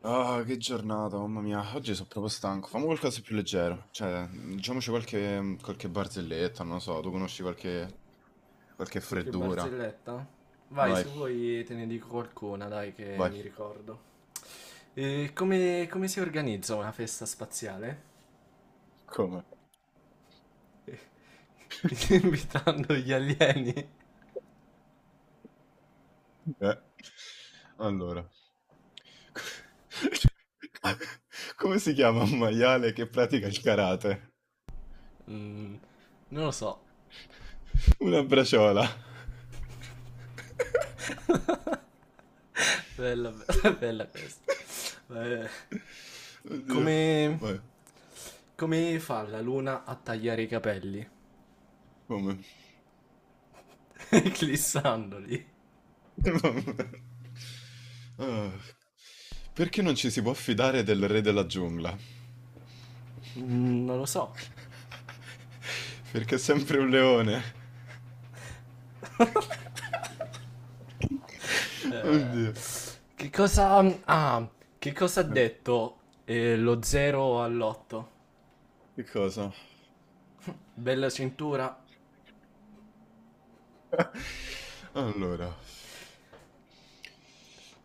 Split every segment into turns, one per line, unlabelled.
Ah, che giornata, mamma mia, oggi sono proprio stanco. Fammi qualcosa di più leggero. Cioè, diciamoci qualche barzelletta, non lo so, tu conosci qualche
Qualche
freddura.
barzelletta? Vai,
Vai,
se vuoi te ne dico qualcuna, dai, che
vai,
mi ricordo. E come, come si organizza una festa spaziale?
come?
Invitando gli alieni?
Eh, Allora, come si chiama un maiale che pratica il karate?
Mm, non lo so.
Una braciola.
Bella, bella questa. Eh,
Oddio,
Come,
vai,
come fa la luna a tagliare i capelli?
come?
Clissandoli?
Ah, perché non ci si può fidare del re della giungla?
Mm, non lo so.
Perché è sempre un leone.
Eh,
Oddio.
che cosa... Ah, che cosa ha
Eh,
detto lo 0 all'8?
Che cosa?
Bella cintura?
Allora.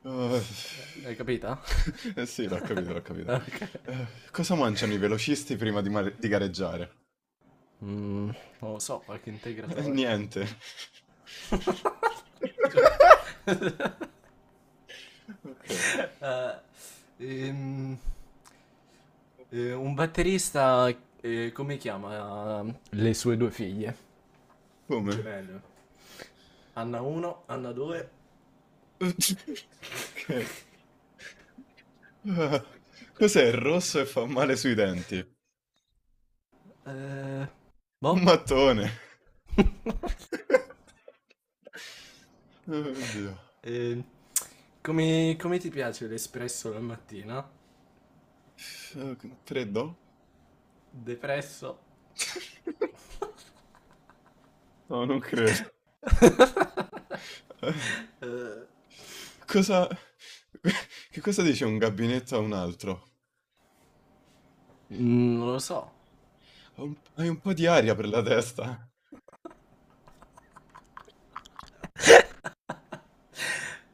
Ah,
Hai capito?
eh sì, l'ho capito, l'ho capito.
Ok.
Eh, cosa mangiano i velocisti prima di gareggiare?
Mm, non lo so, qualche integratore.
Niente.
Cioè,
Okay.
eh, ehm, un batterista, come chiama le sue due figlie?
Come?
Gemelle. Anna 1, Anna 2.
Okay. Ah, cos'è il rosso e fa male sui denti? Un
Eh, boh.
mattone. Oddio.
Eh, come, come ti piace l'espresso la mattina?
Tre do?
Depresso?
No, non credo. Eh,
Eh,
Cosa... Che cosa dice un gabinetto a un altro?
mm, non lo so.
Hai un po' di aria per la testa.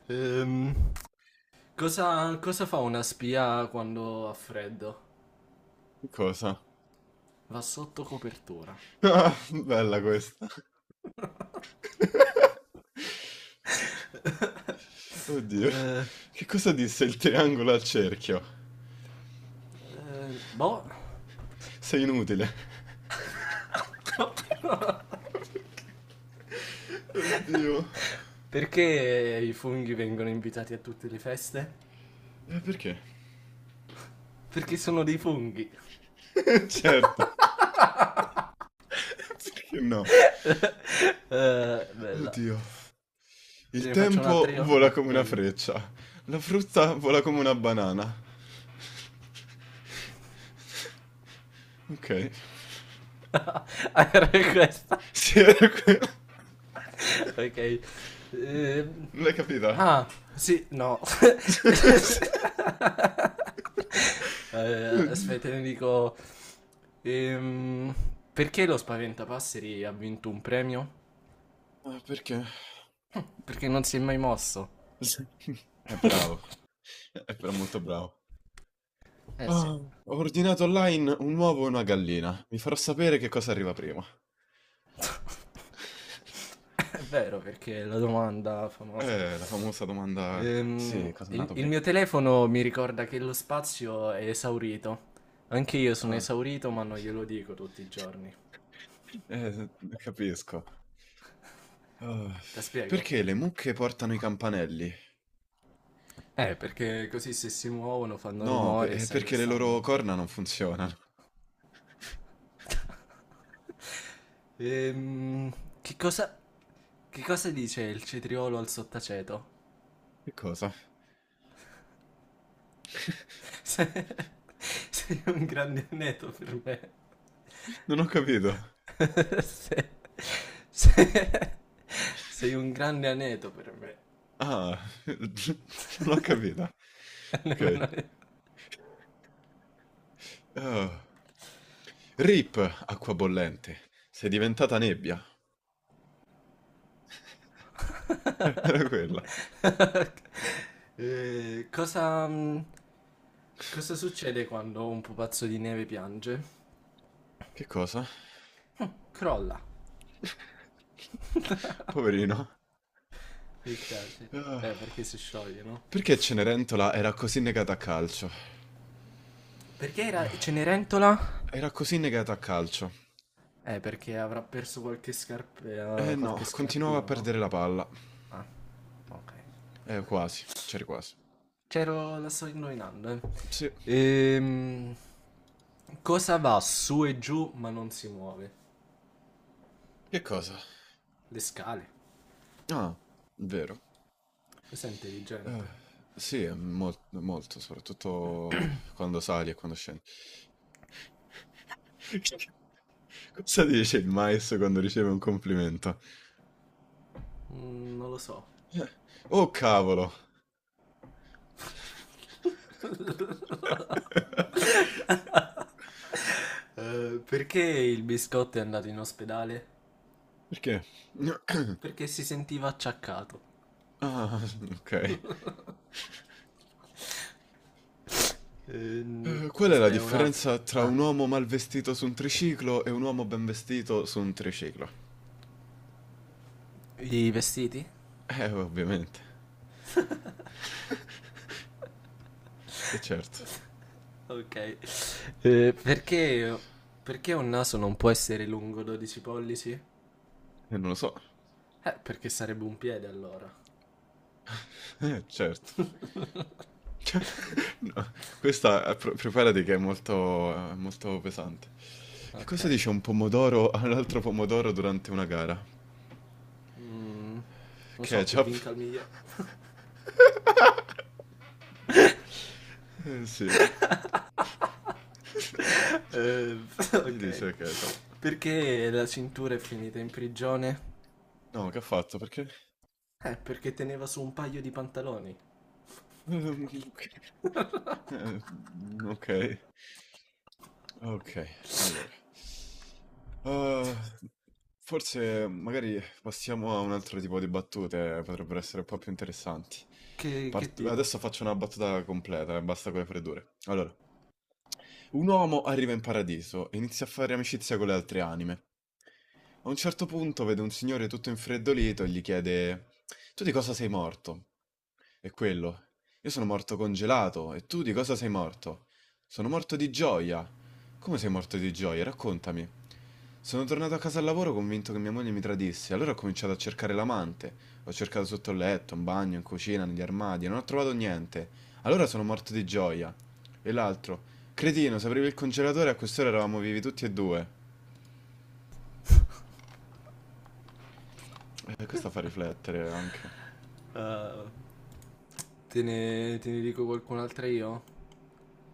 Ehm, cosa, cosa fa una spia quando ha freddo?
Cosa?
Va sotto copertura.
Ah, bella questa. Oddio.
Eh,
Che cosa disse il triangolo al cerchio?
eh, boh.
Sei inutile.
Oh.
Oddio.
Perché i funghi vengono invitati a tutte le feste?
E perché?
Perché sono dei funghi.
Certo. Perché no?
Bella.
Oddio.
Te
Il
ne faccio
tempo
un'altra io?
vola
No,
come una
vabbè.
freccia. La frutta vola come una banana. Ok.
Ah, era questa.
Sì,
Ok. Ehm,
non l'hai capita?
ah, sì, no.
Oddio.
Aspetta, ne dico... ehm, perché lo Spaventapasseri ha vinto un premio?
Ah, perché?
Perché non si è mai mosso.
È bravo, è però molto bravo.
Eh sì.
Ah, ho ordinato online un uovo e una gallina. Vi farò sapere che cosa arriva prima.
È vero, perché è la domanda famosa.
La famosa domanda... Sì, cosa è nato
Il
prima?
mio telefono mi ricorda che lo spazio è esaurito. Anche io sono
Ah.
esaurito, ma non glielo dico tutti i giorni.
Eh, capisco. Ah,
Te spiego?
perché le mucche portano i campanelli?
Perché così se si muovono fanno
No,
rumore e
è
sai dove
perché le loro
stanno.
corna non funzionano.
Ehm, che cosa, che cosa dice il cetriolo al sottaceto?
Che cosa?
Se- Sei un grande aneddoto per
Non ho capito.
me. Se- Sei un grande aneto per me.
Ah, non ho capito. Ok. Ah. Rip, acqua bollente. Sei diventata nebbia. Era quella.
Cosa, cosa succede quando un pupazzo di neve piange?
Che cosa?
Crolla.
Poverino.
Mi dispiace.
Ah.
Perché si scioglie, no?
Perché Cenerentola era così negata a calcio?
Perché era
Ah,
Cenerentola?
era così negata a calcio.
Perché avrà perso
Eh no,
qualche
continuava a
scarpino, no?
perdere la palla.
Ah, ok.
Quasi. C'eri quasi.
C'ero, la sto indovinando, eh.
Sì.
Ehm, cosa va su e giù ma non si muove?
Che cosa?
Le scale.
Ah, vero.
Questo è
Eh,
intelligente.
sì, è molto, soprattutto quando sali e quando scendi. Cosa dice il maestro quando riceve un complimento?
Mm, non lo so.
Eh, Oh cavolo!
Perché il biscotto è andato in ospedale?
Perché?
Perché si sentiva acciaccato.
Ah, ok. Qual è la
Aspetta, un'altra.
differenza tra
Ah,
un uomo mal vestito su un triciclo e un uomo ben vestito su un triciclo?
i vestiti?
Ovviamente. Certo.
Ok. Perché, perché un naso non può essere lungo 12 pollici?
Non lo so.
Perché sarebbe un piede allora.
Certo. No, questa preparati che è molto, molto pesante. Che
Ok.
cosa dice un pomodoro a un altro pomodoro durante una gara?
Mm, lo so, che
Ketchup?
vinca il migliore.
Sì.
Eh,
Gli
ok.
dice ketchup.
Perché la cintura è finita in prigione?
No, che ha fatto? Perché?
Perché teneva su un paio di pantaloni.
Ok. Mhmm, okay. Okay, allora. Uhm, forse magari passiamo a un altro tipo di battute, potrebbero essere un po' più interessanti.
Che
Part
tipo?
adesso faccio una battuta completa, basta con le freddure. Allora, un uomo arriva in paradiso e inizia a fare amicizia con le altre anime. A un certo punto vede un signore tutto infreddolito e gli chiede: "Tu di cosa sei morto?" E quello: io sono morto congelato e tu di cosa sei morto? Sono morto di gioia. Come sei morto di gioia? Raccontami. Sono tornato a casa al lavoro convinto che mia moglie mi tradisse, allora ho cominciato a cercare l'amante. Ho cercato sotto il letto, in bagno, in cucina, negli armadi e non ho trovato niente. Allora sono morto di gioia. E l'altro, cretino, se aprivi il congelatore a quest'ora eravamo vivi tutti e due. Questo fa riflettere anche.
Eh, te ne dico qualcun'altra io?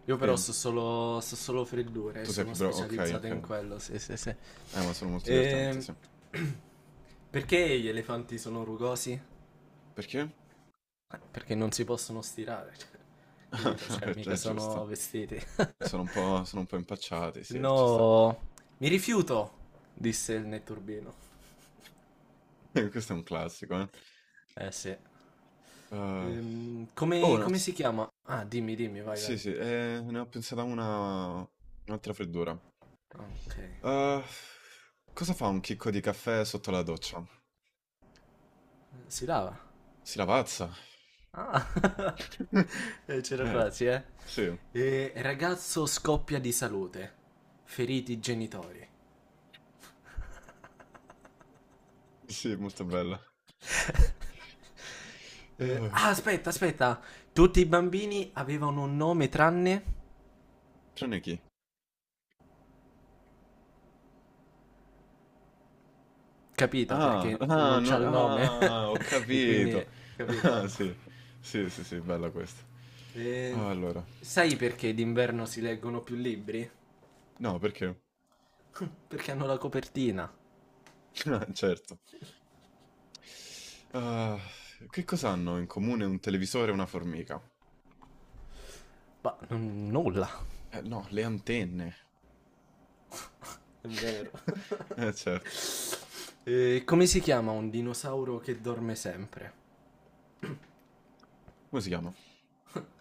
Io però
Sì,
so solo freddure,
tu sei
sono
più bravo. Ok,
specializzato
ok.
in quello, sì, sì, sì.
Ma sono molto divertenti,
Ehm,
sì.
perché gli elefanti sono rugosi?
Perché?
Perché non si possono stirare, cioè, capito? Cioè, mica
È
sono
giusto.
vestiti.
E sono un po' impacciati,
Se
sì, ci sta.
no, mi rifiuto, disse il netturbino.
Questo è un classico, eh.
Eh sì.
Uhm, oh,
Come,
no
come
s
si chiama? Ah, dimmi, dimmi, vai,
sì,
vai.
sì, ne ho pensata una un'altra freddura.
Ah, ok.
Uhm, cosa fa un chicco di caffè sotto la doccia?
Si lava.
Si lavazza.
Ah. C'era
Eh,
quasi, eh.
sì,
Ragazzo scoppia di salute. Feriti i genitori.
sì, molto bella.
Ah, aspetta, aspetta. Tutti i bambini avevano un nome tranne...
Trane chi?
Capita,
Ah,
perché non c'ha il nome.
ho
E quindi...
capito. Ah,
Capito?
sì, bella questa.
Eh,
Allora,
sai perché d'inverno si leggono più libri?
no, perché?
Perché hanno la copertina.
Ah, certo. Ah, che cosa hanno in comune un televisore e una formica?
Nulla.
No, le antenne.
È vero.
Certo.
Come si chiama un dinosauro che dorme sempre?
Come si chiama?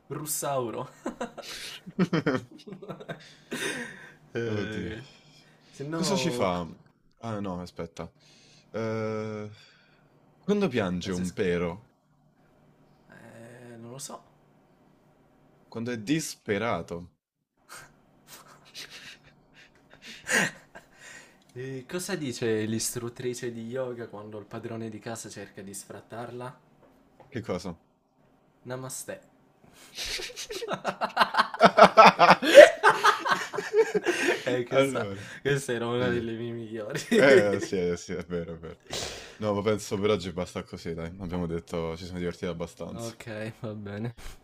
Russauro.
Oddio.
Eh, se
Cosa ci
no...
fa? Ah, no, aspetta. Eh, quando piange
la
un
se-
pero?
non lo so.
Quando è disperato.
Cosa dice l'istruttrice di yoga quando il padrone di casa cerca di sfrattarla?
Che cosa?
Namaste. Eh, questa,
Allora,
questa era una
sì.
delle mie migliori.
Sì, sì, è vero, è vero. No, ma penso per oggi basta così, dai. Abbiamo detto, ci siamo divertiti abbastanza.
Ok, va bene.